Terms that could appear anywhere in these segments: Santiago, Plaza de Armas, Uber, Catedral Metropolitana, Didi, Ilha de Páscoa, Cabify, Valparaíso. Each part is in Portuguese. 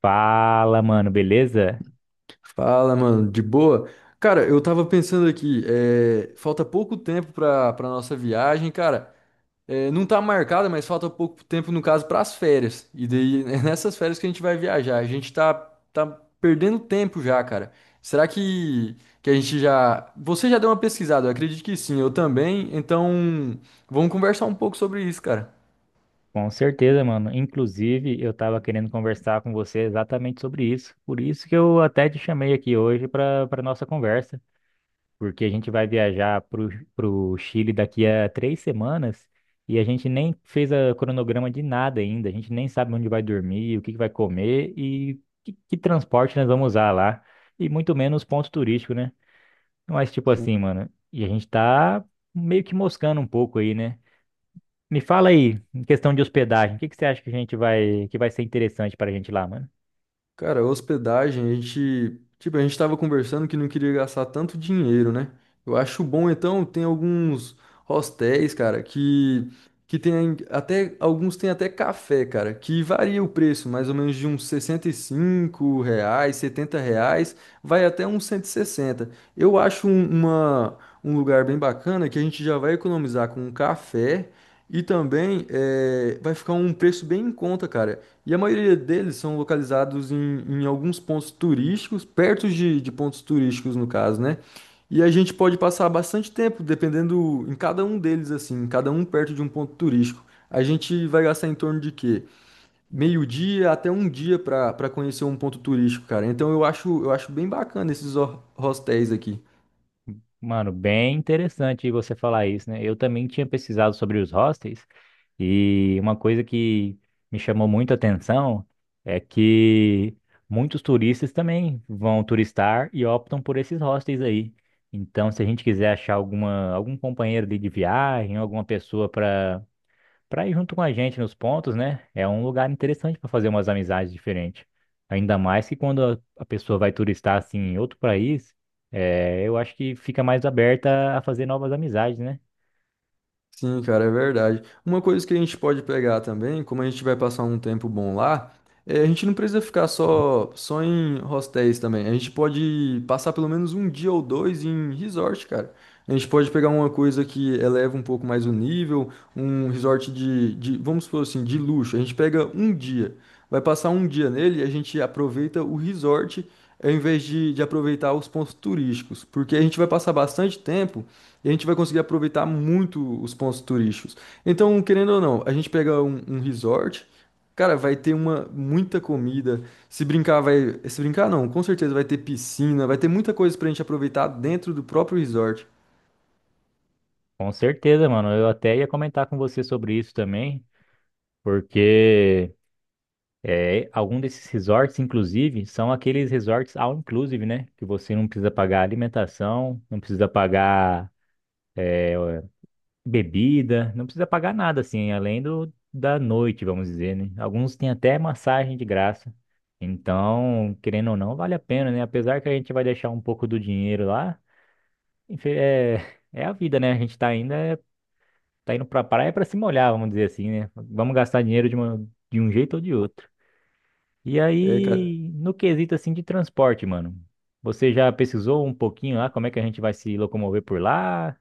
Fala, mano, beleza? Fala, mano, de boa? Cara, eu tava pensando aqui, falta pouco tempo pra nossa viagem, cara. Não tá marcada, mas falta pouco tempo, no caso, pras férias. E daí é nessas férias que a gente vai viajar. A gente tá perdendo tempo já, cara. Será que a gente já. Você já deu uma pesquisada? Eu acredito que sim, eu também. Então, vamos conversar um pouco sobre isso, cara. Com certeza, mano. Inclusive, eu tava querendo conversar com você exatamente sobre isso. Por isso que eu até te chamei aqui hoje para nossa conversa, porque a gente vai viajar pro Chile daqui a 3 semanas e a gente nem fez a cronograma de nada ainda. A gente nem sabe onde vai dormir, o que que vai comer e que transporte nós vamos usar lá, e muito menos ponto turístico, né? Mas tipo assim, mano, e a gente tá meio que moscando um pouco aí, né? Me fala aí, em questão de hospedagem, o que que você acha que a que vai ser interessante pra gente lá, mano? Cara, hospedagem, tipo, a gente tava conversando que não queria gastar tanto dinheiro, né? Eu acho bom então, tem alguns hostéis, cara, que tem até café, cara, que varia o preço, mais ou menos de uns 65 reais, 70 reais, vai até uns 160. Eu acho um lugar bem bacana que a gente já vai economizar com um café e também vai ficar um preço bem em conta, cara. E a maioria deles são localizados em alguns pontos turísticos, perto de pontos turísticos, no caso, né? E a gente pode passar bastante tempo, dependendo em cada um deles, assim, cada um perto de um ponto turístico. A gente vai gastar em torno de quê? Meio-dia até um dia para conhecer um ponto turístico, cara. Então eu acho bem bacana esses hostéis aqui. Mano, bem interessante você falar isso, né? Eu também tinha pesquisado sobre os hostels e uma coisa que me chamou muito a atenção é que muitos turistas também vão turistar e optam por esses hostels aí. Então, se a gente quiser achar algum companheiro ali de viagem, alguma pessoa para ir junto com a gente nos pontos, né? É um lugar interessante para fazer umas amizades diferentes. Ainda mais que quando a pessoa vai turistar assim em outro país, eu acho que fica mais aberta a fazer novas amizades, né? Sim, cara, é verdade. Uma coisa que a gente pode pegar também, como a gente vai passar um tempo bom lá, a gente não precisa ficar só em hostéis também. A gente pode passar pelo menos um dia ou dois em resort, cara. A gente pode pegar uma coisa que eleva um pouco mais o nível, um resort de, vamos supor assim, de luxo. A gente pega um dia, vai passar um dia nele e a gente aproveita o resort ao invés de aproveitar os pontos turísticos, porque a gente vai passar bastante tempo. E a gente vai conseguir aproveitar muito os pontos turísticos. Então, querendo ou não, a gente pega um resort, cara, vai ter uma muita comida. Se brincar, vai. Se brincar, não, com certeza vai ter piscina, vai ter muita coisa pra gente aproveitar dentro do próprio resort. Com certeza, mano. Eu até ia comentar com você sobre isso também, porque algum desses resorts, inclusive, são aqueles resorts all inclusive, né? Que você não precisa pagar alimentação, não precisa pagar é, bebida, não precisa pagar nada assim, além do da noite, vamos dizer, né? Alguns têm até massagem de graça. Então, querendo ou não, vale a pena, né? Apesar que a gente vai deixar um pouco do dinheiro lá, enfim, é a vida, né? A gente tá indo pra praia pra se molhar, vamos dizer assim, né? Vamos gastar dinheiro de um jeito ou de outro. E É, cara. aí, no quesito assim de transporte, mano, você já pesquisou um pouquinho lá como é que a gente vai se locomover por lá?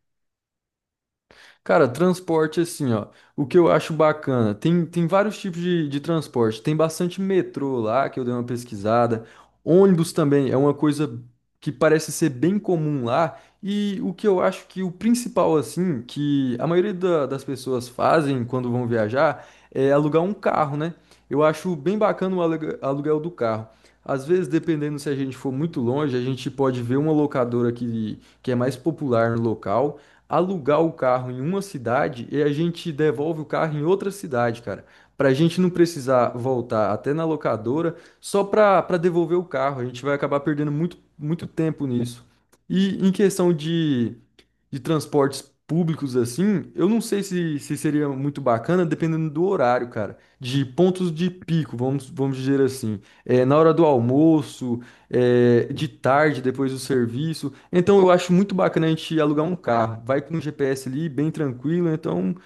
Cara, transporte assim, ó. O que eu acho bacana, tem vários tipos de transporte. Tem bastante metrô lá, que eu dei uma pesquisada. Ônibus também é uma coisa que parece ser bem comum lá. E o que eu acho que o principal, assim, que a maioria das pessoas fazem quando vão viajar é alugar um carro, né? Eu acho bem bacana o aluguel do carro. Às vezes, dependendo se a gente for muito longe, a gente pode ver uma locadora que é mais popular no local alugar o carro em uma cidade e a gente devolve o carro em outra cidade, cara. Pra gente não precisar voltar até na locadora só pra devolver o carro. A gente vai acabar perdendo muito, muito tempo nisso. E em questão de transportes públicos, assim, eu não sei se seria muito bacana, dependendo do horário, cara. De pontos de pico, vamos dizer assim. Na hora do almoço, de tarde, depois do serviço. Então eu acho muito bacana a gente alugar um carro. Vai com o GPS ali, bem tranquilo. Então, o que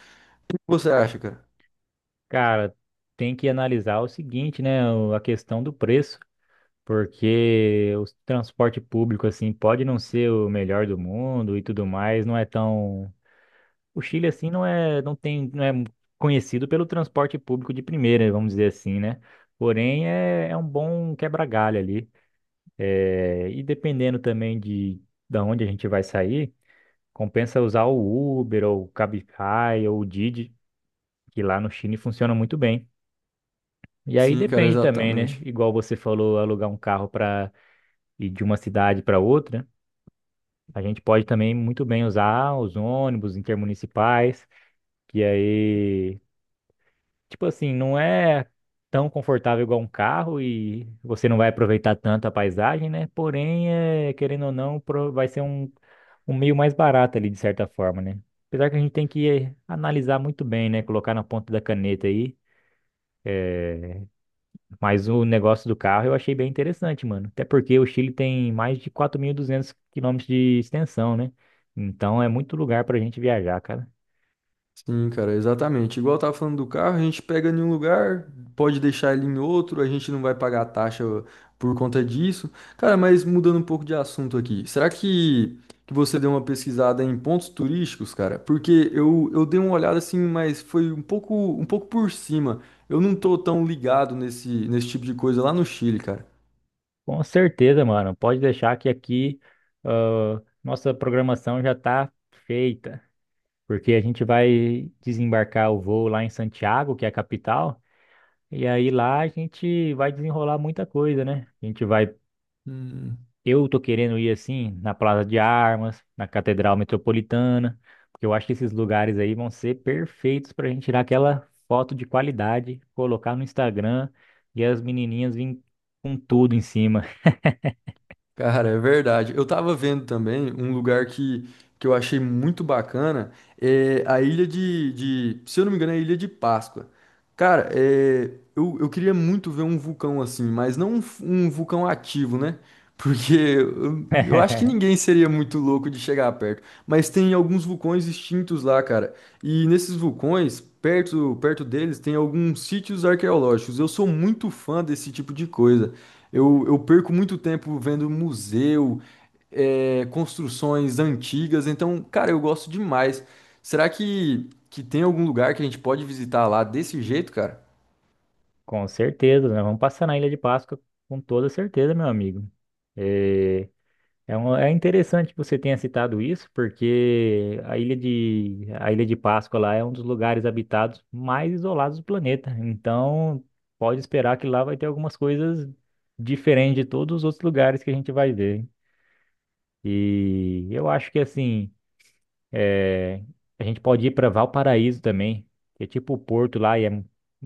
você acha, cara? Cara, tem que analisar o seguinte, né? A questão do preço, porque o transporte público, assim, pode não ser o melhor do mundo e tudo mais, não é tão. O Chile, assim, não é conhecido pelo transporte público de primeira, vamos dizer assim, né? Porém, é um bom quebra-galho ali. É, e dependendo também da onde a gente vai sair, compensa usar o Uber, ou o Cabify, ou o Didi, que lá no Chile funciona muito bem. E aí Sim, cara, depende também, né? exatamente. Igual você falou, alugar um carro para ir de uma cidade para outra, a gente pode também muito bem usar os ônibus intermunicipais, que aí, tipo assim, não é tão confortável igual um carro e você não vai aproveitar tanto a paisagem, né? Porém, querendo ou não, vai ser um meio mais barato ali, de certa forma, né? Apesar que a gente tem que analisar muito bem, né? Colocar na ponta da caneta aí. Mas o negócio do carro eu achei bem interessante, mano. Até porque o Chile tem mais de 4.200 km de extensão, né? Então é muito lugar pra gente viajar, cara. Sim, cara, exatamente. Igual eu tava falando do carro, a gente pega em um lugar, pode deixar ele em outro, a gente não vai pagar a taxa por conta disso. Cara, mas mudando um pouco de assunto aqui, será que você deu uma pesquisada em pontos turísticos, cara? Porque eu dei uma olhada assim, mas foi um pouco por cima. Eu não tô tão ligado nesse tipo de coisa lá no Chile, cara. Com certeza, mano. Pode deixar que nossa programação já tá feita. Porque a gente vai desembarcar o voo lá em Santiago, que é a capital. E aí lá a gente vai desenrolar muita coisa, né? A gente vai. Hum. Eu tô querendo ir assim na Plaza de Armas, na Catedral Metropolitana, porque eu acho que esses lugares aí vão ser perfeitos pra gente tirar aquela foto de qualidade, colocar no Instagram e as menininhas virem com tudo em cima. Cara, é verdade. Eu tava vendo também um lugar que eu achei muito bacana, é a ilha de, se eu não me engano, é a Ilha de Páscoa. Cara, eu queria muito ver um vulcão assim, mas não um vulcão ativo, né? Porque eu acho que ninguém seria muito louco de chegar perto. Mas tem alguns vulcões extintos lá, cara. E nesses vulcões, perto deles, tem alguns sítios arqueológicos. Eu sou muito fã desse tipo de coisa. Eu perco muito tempo vendo museu, construções antigas. Então, cara, eu gosto demais. Será que tem algum lugar que a gente pode visitar lá desse jeito, cara? Com certeza, nós vamos passar na Ilha de Páscoa com toda certeza, meu amigo. É, É interessante que você tenha citado isso, porque a a Ilha de Páscoa lá é um dos lugares habitados mais isolados do planeta. Então, pode esperar que lá vai ter algumas coisas diferentes de todos os outros lugares que a gente vai ver. E eu acho que, assim, é, a gente pode ir para Valparaíso também, que é tipo o Porto lá, e é um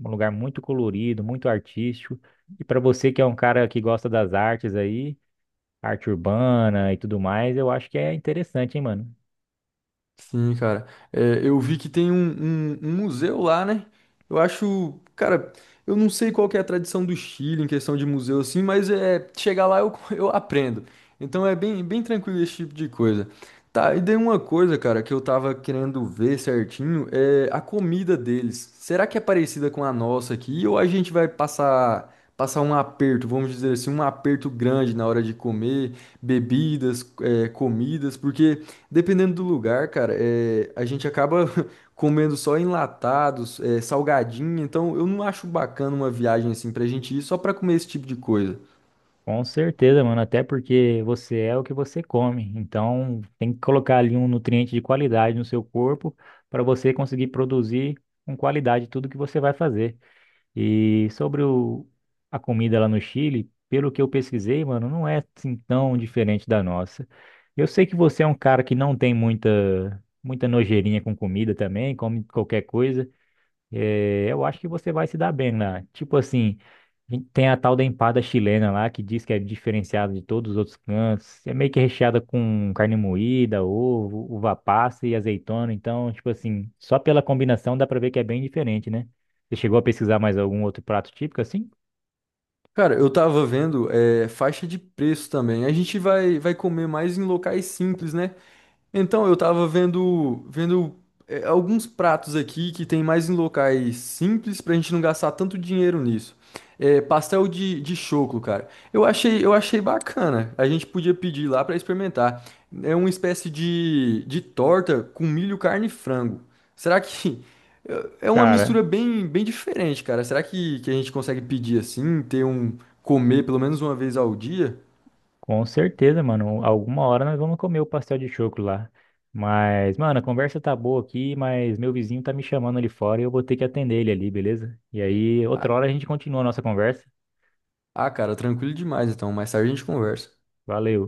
lugar muito colorido, muito artístico. E para você que é um cara que gosta das artes aí arte urbana e tudo mais, eu acho que é interessante, hein, mano? Sim, cara. Eu vi que tem um museu lá, né? Eu acho, cara, eu não sei qual que é a tradição do Chile em questão de museu assim, mas é chegar lá eu, eu aprendo. Então é bem, bem tranquilo esse tipo de coisa. Tá, e daí uma coisa, cara, que eu tava querendo ver certinho é a comida deles. Será que é parecida com a nossa aqui ou a gente vai passar um aperto, vamos dizer assim, um aperto grande na hora de comer, bebidas, comidas, porque dependendo do lugar, cara, a gente acaba comendo só enlatados, salgadinho, então eu não acho bacana uma viagem assim pra gente ir só pra comer esse tipo de coisa. Com certeza, mano, até porque você é o que você come. Então, tem que colocar ali um nutriente de qualidade no seu corpo para você conseguir produzir com qualidade tudo que você vai fazer. E sobre a comida lá no Chile, pelo que eu pesquisei, mano, não é assim tão diferente da nossa. Eu sei que você é um cara que não tem muita nojeirinha com comida também, come qualquer coisa. É, eu acho que você vai se dar bem lá. Tipo assim, a gente tem a tal da empada chilena lá, que diz que é diferenciada de todos os outros cantos. É meio que recheada com carne moída, ovo, uva passa e azeitona. Então, tipo assim, só pela combinação dá pra ver que é bem diferente, né? Você chegou a pesquisar mais algum outro prato típico assim? Cara, eu tava vendo, faixa de preço também. A gente vai comer mais em locais simples, né? Então, eu tava vendo alguns pratos aqui que tem mais em locais simples pra gente não gastar tanto dinheiro nisso. Pastel de choclo, cara. Eu achei bacana. A gente podia pedir lá pra experimentar. É uma espécie de torta com milho, carne e frango. Será que é uma Cara, mistura bem, bem diferente, cara? Será que a gente consegue pedir assim, ter um comer pelo menos uma vez ao dia? com certeza, mano. Alguma hora nós vamos comer o pastel de choco lá. Mas, mano, a conversa tá boa aqui, mas meu vizinho tá me chamando ali fora e eu vou ter que atender ele ali, beleza? E aí, outra Ah, hora a gente continua a nossa conversa. ah, cara, tranquilo demais então. Mais tarde a gente conversa. Valeu.